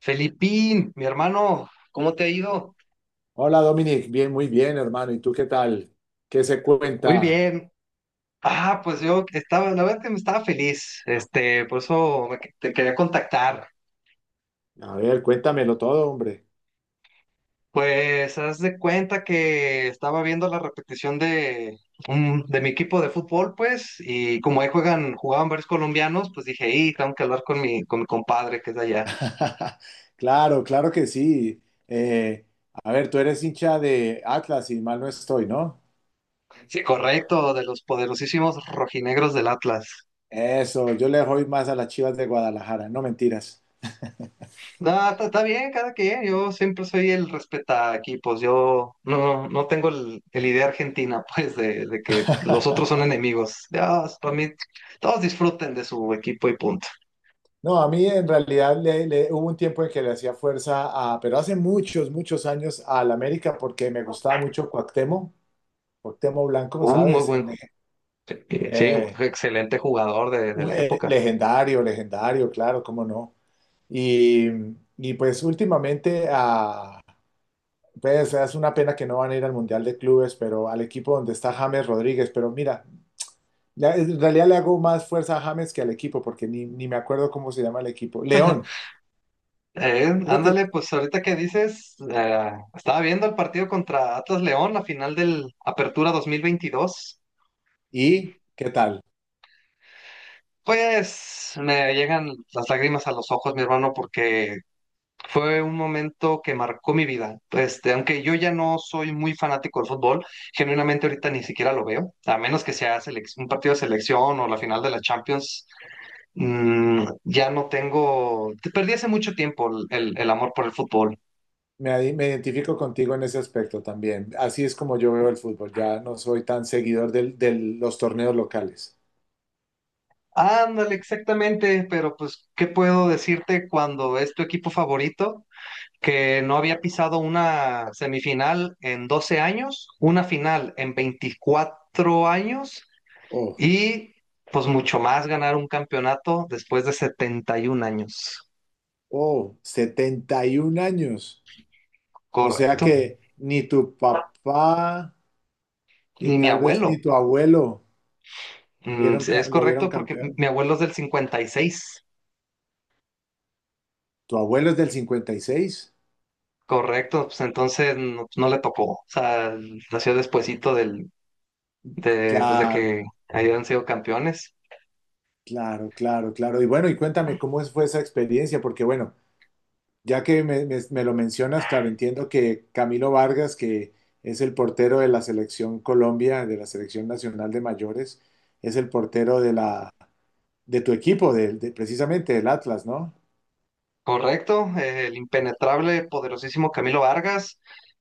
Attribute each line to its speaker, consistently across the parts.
Speaker 1: Felipín, mi hermano, ¿cómo te ha ido?
Speaker 2: Hola Dominic, bien, muy bien, hermano. ¿Y tú qué tal? ¿Qué se
Speaker 1: Muy
Speaker 2: cuenta?
Speaker 1: bien. Pues yo estaba, la verdad que me estaba feliz, por eso te quería contactar.
Speaker 2: A ver, cuéntamelo todo, hombre.
Speaker 1: Pues haz de cuenta que estaba viendo la repetición de mi equipo de fútbol, pues, y como ahí jugaban varios colombianos, pues dije, y tengo que hablar con mi compadre que es de allá.
Speaker 2: Claro, claro que sí. Eh, a ver, tú eres hincha de Atlas y mal no estoy, ¿no?
Speaker 1: Sí, correcto, de los poderosísimos rojinegros del Atlas.
Speaker 2: Eso, yo le doy más a las Chivas de Guadalajara, no mentiras.
Speaker 1: No, está bien, cada quien. Yo siempre soy el respeta equipos. Yo no, no tengo el idea argentina, pues, de que los otros son enemigos. Ya, para mí, todos disfruten de su equipo y punto.
Speaker 2: No, a mí en realidad hubo un tiempo en que le hacía fuerza pero hace muchos, muchos años al América porque me gustaba mucho Cuauhtémoc, Cuauhtémoc Blanco,
Speaker 1: Uh, muy
Speaker 2: ¿sabes?
Speaker 1: buen, ju- sí, un
Speaker 2: Eh,
Speaker 1: excelente jugador de la época.
Speaker 2: legendario, legendario, claro, cómo no. Y, y pues últimamente, pues es una pena que no van a ir al Mundial de Clubes, pero al equipo donde está James Rodríguez, pero mira, en realidad le hago más fuerza a James que al equipo, porque ni me acuerdo cómo se llama el equipo. León, creo que...
Speaker 1: Ándale, pues ahorita que dices, estaba viendo el partido contra Atlas León, la final del Apertura 2022.
Speaker 2: ¿Y qué tal?
Speaker 1: Pues me llegan las lágrimas a los ojos, mi hermano, porque fue un momento que marcó mi vida. Aunque yo ya no soy muy fanático del fútbol, genuinamente ahorita ni siquiera lo veo, a menos que sea un partido de selección o la final de la Champions. Ya no tengo, te perdí hace mucho tiempo el amor por el fútbol.
Speaker 2: Me identifico contigo en ese aspecto también. Así es como yo veo el fútbol. Ya no soy tan seguidor de los torneos locales.
Speaker 1: Ándale, exactamente, pero pues, ¿qué puedo decirte cuando es tu equipo favorito? Que no había pisado una semifinal en 12 años, una final en 24 años.
Speaker 2: Oh,
Speaker 1: Y pues mucho más ganar un campeonato después de 71 años.
Speaker 2: oh, 71 años. O sea que
Speaker 1: Correcto.
Speaker 2: ni tu papá y
Speaker 1: Y mi
Speaker 2: tal vez ni
Speaker 1: abuelo.
Speaker 2: tu abuelo vieron,
Speaker 1: Sí, es
Speaker 2: lo vieron
Speaker 1: correcto porque mi
Speaker 2: campeón.
Speaker 1: mi abuelo es del 56.
Speaker 2: Tu abuelo es del 56.
Speaker 1: Correcto. Pues entonces no, pues, no le tocó. O sea, nació despuesito pues de
Speaker 2: Claro,
Speaker 1: que hayan sido campeones.
Speaker 2: claro, claro, claro. Y bueno, y cuéntame cómo fue esa experiencia, porque bueno, ya que me lo mencionas, claro, entiendo que Camilo Vargas, que es el portero de la selección Colombia, de la selección nacional de mayores, es el portero de tu equipo, de, precisamente del Atlas, ¿no?
Speaker 1: Correcto. El impenetrable, poderosísimo Camilo Vargas.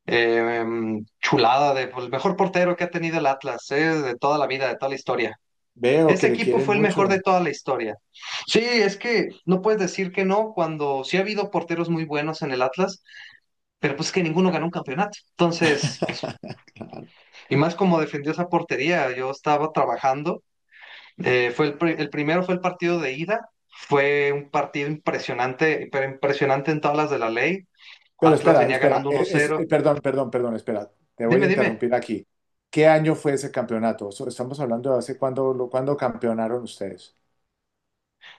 Speaker 1: Chulada de, pues, el mejor portero que ha tenido el Atlas, de toda la vida, de toda la historia.
Speaker 2: Veo
Speaker 1: Ese
Speaker 2: que le
Speaker 1: equipo
Speaker 2: quieren
Speaker 1: fue el mejor de
Speaker 2: mucho.
Speaker 1: toda la historia. Sí, es que no puedes decir que no cuando sí ha habido porteros muy buenos en el Atlas, pero pues que ninguno ganó un campeonato. Entonces, pues, y más como defendió esa portería, yo estaba trabajando. El primero fue el partido de ida. Fue un partido impresionante, pero impresionante en tablas de la ley.
Speaker 2: Pero
Speaker 1: Atlas
Speaker 2: espera,
Speaker 1: venía
Speaker 2: espera,
Speaker 1: ganando uno cero.
Speaker 2: perdón, perdón, perdón, espera, te voy a
Speaker 1: Dime, dime,
Speaker 2: interrumpir aquí. ¿Qué año fue ese campeonato? Estamos hablando de hace cuándo, cuándo campeonaron ustedes.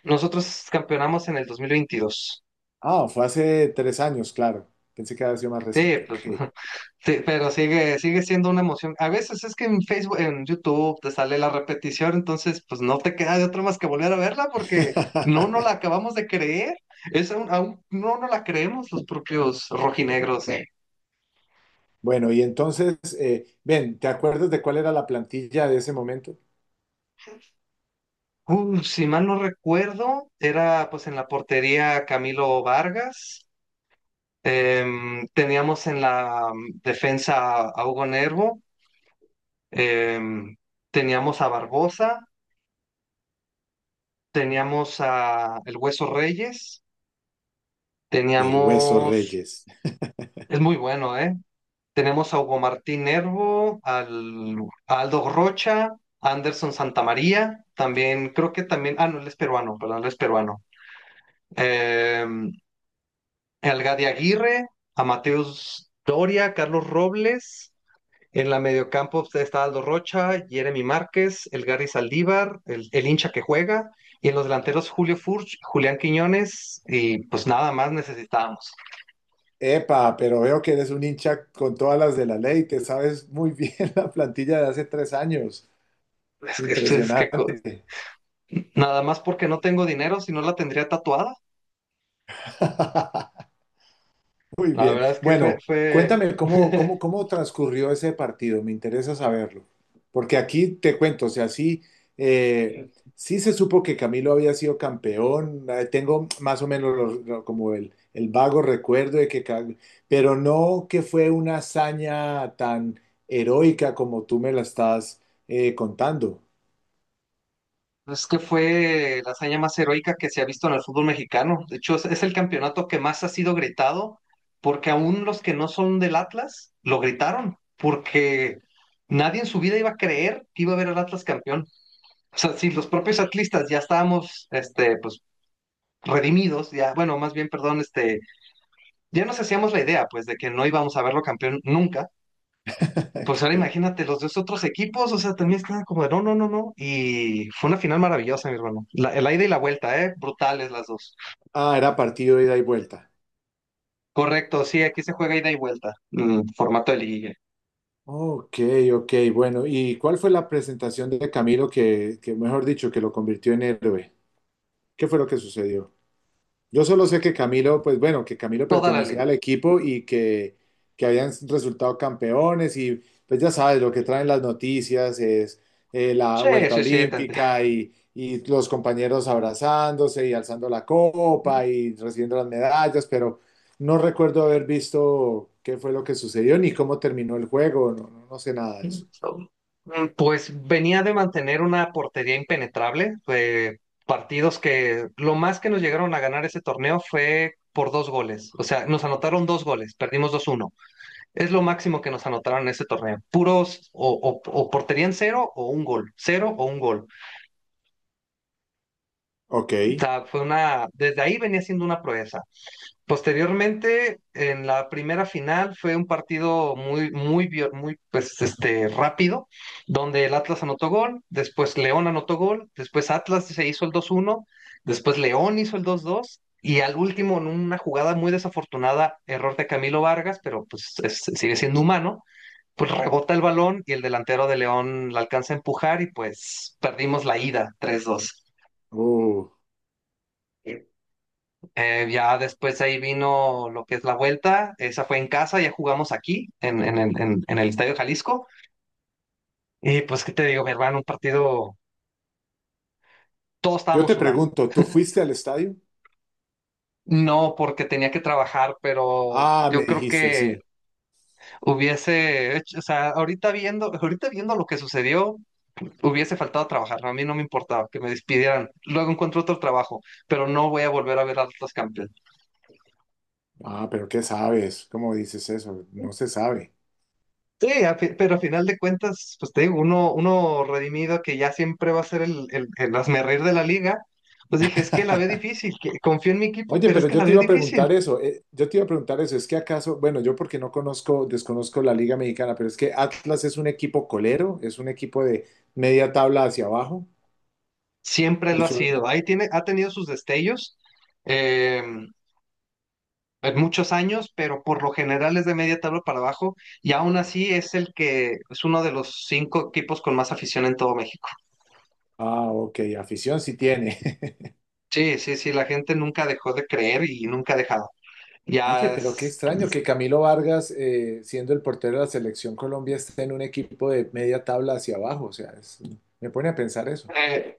Speaker 1: nosotros campeonamos en el 2022.
Speaker 2: Ah, fue hace 3 años, claro. Pensé que había sido más
Speaker 1: Sí,
Speaker 2: reciente. Ok.
Speaker 1: pues, sí, pero sigue siendo una emoción. A veces es que en Facebook, en YouTube te sale la repetición, entonces pues no te queda de otra más que volver a verla porque no la acabamos de creer. Es aún no la creemos los propios rojinegros. Sí.
Speaker 2: Bueno, y entonces, ven, ¿te acuerdas de cuál era la plantilla de ese momento?
Speaker 1: Si mal no recuerdo, era pues en la portería Camilo Vargas. Teníamos en la defensa a Hugo Nervo. Em, teníamos a Barbosa. Teníamos a El Hueso Reyes,
Speaker 2: El Hueso
Speaker 1: teníamos,
Speaker 2: Reyes.
Speaker 1: es muy bueno, ¿eh? Tenemos a Hugo Martín Nervo, al, a Aldo Rocha, a Anderson Santamaría, también, creo que también, ah, no, él es peruano, perdón, él es peruano. Eh, al Gadi Aguirre, a Mateus Doria, Carlos Robles, en la mediocampo pues, está Aldo Rocha, Jeremy Márquez, el Gary Saldívar, el hincha que juega, y en los delanteros Julio Furch, Julián Quiñones, y pues nada más necesitábamos.
Speaker 2: Epa, pero veo que eres un hincha con todas las de la ley, te sabes muy bien la plantilla de hace 3 años.
Speaker 1: Es que
Speaker 2: Impresionante.
Speaker 1: nada más porque no tengo dinero, si no la tendría tatuada.
Speaker 2: Muy
Speaker 1: La
Speaker 2: bien.
Speaker 1: verdad es que
Speaker 2: Bueno,
Speaker 1: fue,
Speaker 2: cuéntame cómo, cómo, cómo transcurrió ese partido. Me interesa saberlo. Porque aquí te cuento, o sea, sí, eh, sí se supo que Camilo había sido campeón. Tengo más o menos como el vago recuerdo de que, pero no que fue una hazaña tan heroica como tú me la estás contando.
Speaker 1: es que fue la hazaña más heroica que se ha visto en el fútbol mexicano. De hecho, es el campeonato que más ha sido gritado, porque aún los que no son del Atlas lo gritaron, porque nadie en su vida iba a creer que iba a ver al Atlas campeón. O sea, si los propios atlistas ya estábamos, pues, redimidos, ya, bueno, más bien, perdón, ya nos hacíamos la idea, pues, de que no íbamos a verlo campeón nunca. Pues
Speaker 2: Qué
Speaker 1: ahora
Speaker 2: pena.
Speaker 1: imagínate, los dos otros equipos, o sea, también estaban como de no, no, no, no. Y fue una final maravillosa, mi hermano. La ida y la vuelta, ¿eh? Brutales las dos.
Speaker 2: Ah, era partido de ida y vuelta.
Speaker 1: Correcto, sí, aquí se juega ida y vuelta. Formato de liguilla.
Speaker 2: Ok, ok, bueno. ¿Y cuál fue la presentación de Camilo que, mejor dicho, que lo convirtió en héroe? ¿Qué fue lo que sucedió? Yo solo sé que Camilo, pues bueno, que Camilo
Speaker 1: Toda la
Speaker 2: pertenecía
Speaker 1: liga.
Speaker 2: al equipo y que habían resultado campeones y pues ya sabes, lo que traen las noticias es la
Speaker 1: Sí,
Speaker 2: vuelta
Speaker 1: sí, sí.
Speaker 2: olímpica y los compañeros abrazándose y alzando la copa y recibiendo las medallas, pero no recuerdo haber visto qué fue lo que sucedió ni cómo terminó el juego, no, no no sé nada de eso.
Speaker 1: Pues venía de mantener una portería impenetrable. Partidos que lo más que nos llegaron a ganar ese torneo fue por dos goles. O sea, nos anotaron dos goles, perdimos 2-1. Es lo máximo que nos anotaron en ese torneo. Puros o portería en cero o un gol. Cero o un gol.
Speaker 2: Ok.
Speaker 1: O sea, fue una. Desde ahí venía siendo una proeza. Posteriormente, en la primera final, fue un partido muy, pues, rápido, donde el Atlas anotó gol, después León anotó gol, después Atlas se hizo el 2-1, después León hizo el 2-2. Y al último, en una jugada muy desafortunada, error de Camilo Vargas, pero pues sigue siendo humano, pues rebota el balón y el delantero de León la alcanza a empujar y pues perdimos la ida 3-2.
Speaker 2: Uh,
Speaker 1: Ya después ahí vino lo que es la vuelta, esa fue en casa, ya jugamos aquí en el Estadio Jalisco y pues qué te digo, mi hermano, un partido, todos
Speaker 2: Yo
Speaker 1: estábamos
Speaker 2: te
Speaker 1: sudando.
Speaker 2: pregunto, ¿tú fuiste al estadio?
Speaker 1: No porque tenía que trabajar, pero
Speaker 2: Ah, me
Speaker 1: yo creo
Speaker 2: dijiste,
Speaker 1: que
Speaker 2: sí.
Speaker 1: hubiese hecho, o sea, ahorita viendo lo que sucedió, hubiese faltado trabajar, a mí no me importaba que me despidieran, luego encuentro otro trabajo, pero no voy a volver a ver a Atlas campeón.
Speaker 2: Ah, pero ¿qué sabes? ¿Cómo dices eso? No se sabe.
Speaker 1: Sí, pero a final de cuentas, pues te digo, uno redimido que ya siempre va a ser el hazmerreír de la liga, pues dije, es que la veo difícil, que confío en mi equipo,
Speaker 2: Oye,
Speaker 1: pero es
Speaker 2: pero
Speaker 1: que la
Speaker 2: yo te
Speaker 1: veo
Speaker 2: iba a preguntar
Speaker 1: difícil.
Speaker 2: eso. Yo te iba a preguntar eso. Es que acaso, bueno, yo porque no conozco, desconozco la Liga Mexicana, pero es que Atlas es un equipo colero, es un equipo de media tabla hacia abajo.
Speaker 1: Siempre lo ha
Speaker 2: Usual-
Speaker 1: sido, ahí tiene, ha tenido sus destellos eh, en muchos años, pero por lo general es de media tabla para abajo, y aún así es el que es uno de los cinco equipos con más afición en todo México.
Speaker 2: Ah, ok, afición sí tiene.
Speaker 1: Sí, sí, sí, la gente nunca dejó de creer y nunca ha dejado.
Speaker 2: Oye,
Speaker 1: Ya
Speaker 2: pero qué
Speaker 1: es,
Speaker 2: extraño que Camilo Vargas, siendo el portero de la selección Colombia, esté en un equipo de media tabla hacia abajo. O sea, me pone a pensar eso.
Speaker 1: eh,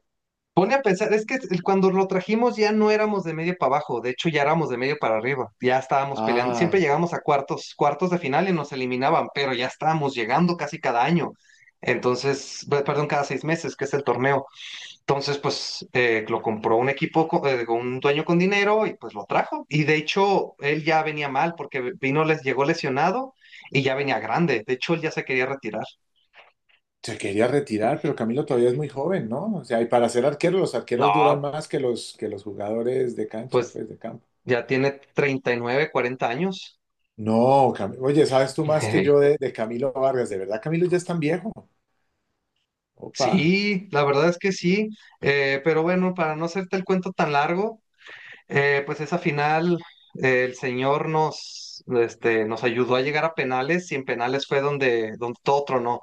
Speaker 1: pone a pensar, es que cuando lo trajimos ya no éramos de medio para abajo, de hecho ya éramos de medio para arriba, ya estábamos peleando, siempre
Speaker 2: Ah,
Speaker 1: llegábamos a cuartos, cuartos de final y nos eliminaban, pero ya estábamos llegando casi cada año, entonces, perdón, cada 6 meses, que es el torneo. Entonces, pues lo compró un equipo, con un dueño con dinero y pues lo trajo. Y de hecho, él ya venía mal porque vino, les llegó lesionado y ya venía grande. De hecho, él ya se quería retirar.
Speaker 2: se quería retirar, pero Camilo todavía es muy joven, ¿no? O sea, y para ser arquero, los arqueros duran
Speaker 1: No,
Speaker 2: más que los jugadores de cancha,
Speaker 1: pues
Speaker 2: pues, de campo.
Speaker 1: ya tiene 39 40 años.
Speaker 2: No, oye, ¿sabes tú más que yo de Camilo Vargas? ¿De verdad Camilo ya es tan viejo? Opa,
Speaker 1: Sí, la verdad es que sí. Pero bueno, para no hacerte el cuento tan largo, pues esa final, el señor nos, nos ayudó a llegar a penales y en penales fue donde, donde todo tronó.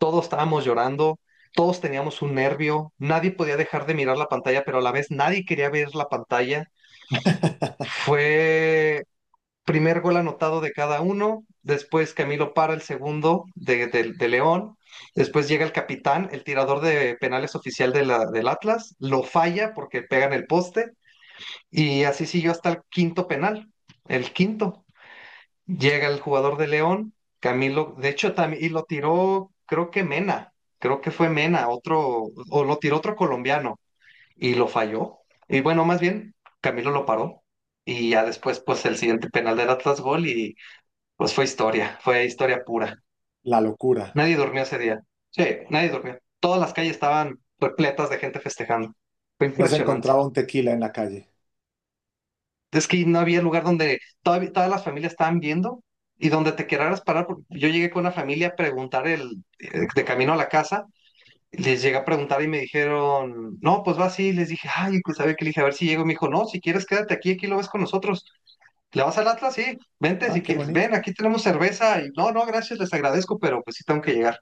Speaker 1: Todos estábamos llorando, todos teníamos un nervio, nadie podía dejar de mirar la pantalla, pero a la vez nadie quería ver la pantalla. Fue primer gol anotado de cada uno, después Camilo para el segundo de León, después llega el capitán, el tirador de penales oficial de del Atlas, lo falla porque pega en el poste. Y así siguió hasta el quinto penal. El quinto. Llega el jugador de León, Camilo, de hecho, también, y lo tiró, creo que Mena, creo que fue Mena, otro, o lo tiró otro colombiano, y lo falló. Y bueno, más bien, Camilo lo paró. Y ya después, pues el siguiente penal del Atlas gol y pues fue historia pura.
Speaker 2: la locura.
Speaker 1: Nadie durmió ese día. Sí, nadie durmió. Todas las calles estaban repletas de gente festejando. Fue
Speaker 2: No se
Speaker 1: impresionante.
Speaker 2: encontraba un tequila en la calle.
Speaker 1: Es que no había lugar donde todavía, todas las familias estaban viendo y donde te querrás parar. Porque yo llegué con una familia a preguntar de camino a la casa, les llegué a preguntar y me dijeron, no, pues va así. Les dije, ay, pues sabe que le dije, a ver si llego. Me dijo, no, si quieres quédate aquí, aquí lo ves con nosotros. ¿Le vas al Atlas? Sí, vente
Speaker 2: Ah,
Speaker 1: si
Speaker 2: qué
Speaker 1: quieres,
Speaker 2: bonito.
Speaker 1: ven, aquí tenemos cerveza. Y no, no, gracias, les agradezco, pero pues sí tengo que llegar.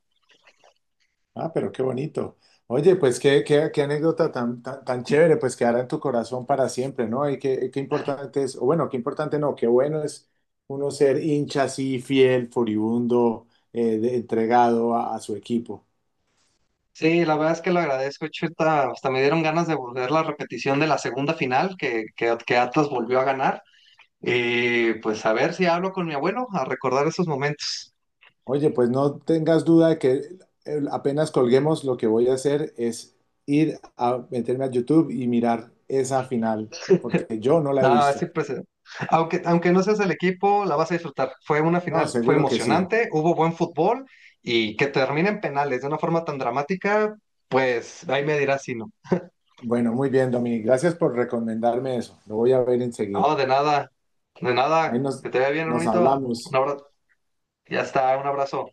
Speaker 2: Ah, pero qué bonito. Oye, pues qué anécdota tan, tan, tan chévere, pues quedará en tu corazón para siempre, ¿no? Y qué importante es, o bueno, qué importante no, qué bueno es uno ser hincha así, fiel, furibundo, entregado a su equipo.
Speaker 1: Sí, la verdad es que lo agradezco, Chuta. Hasta me dieron ganas de volver la repetición de la segunda final que Atlas volvió a ganar. Y pues a ver si hablo con mi abuelo a recordar esos momentos.
Speaker 2: Oye, pues no tengas duda de que apenas colguemos, lo que voy a hacer es ir a meterme a YouTube y mirar esa final, porque yo no la he
Speaker 1: Ah,
Speaker 2: visto.
Speaker 1: siempre se- Aunque, aunque no seas el equipo, la vas a disfrutar. Fue una
Speaker 2: No,
Speaker 1: final, fue
Speaker 2: seguro que sí.
Speaker 1: emocionante, hubo buen fútbol y que termine en penales de una forma tan dramática, pues ahí me dirás si no.
Speaker 2: Bueno, muy bien, Dominic. Gracias por recomendarme eso. Lo voy a ver
Speaker 1: No,
Speaker 2: enseguida.
Speaker 1: de
Speaker 2: Ahí
Speaker 1: nada,
Speaker 2: nos,
Speaker 1: que te vea bien,
Speaker 2: nos
Speaker 1: hermanito. Un
Speaker 2: hablamos.
Speaker 1: abrazo, ya está, un abrazo.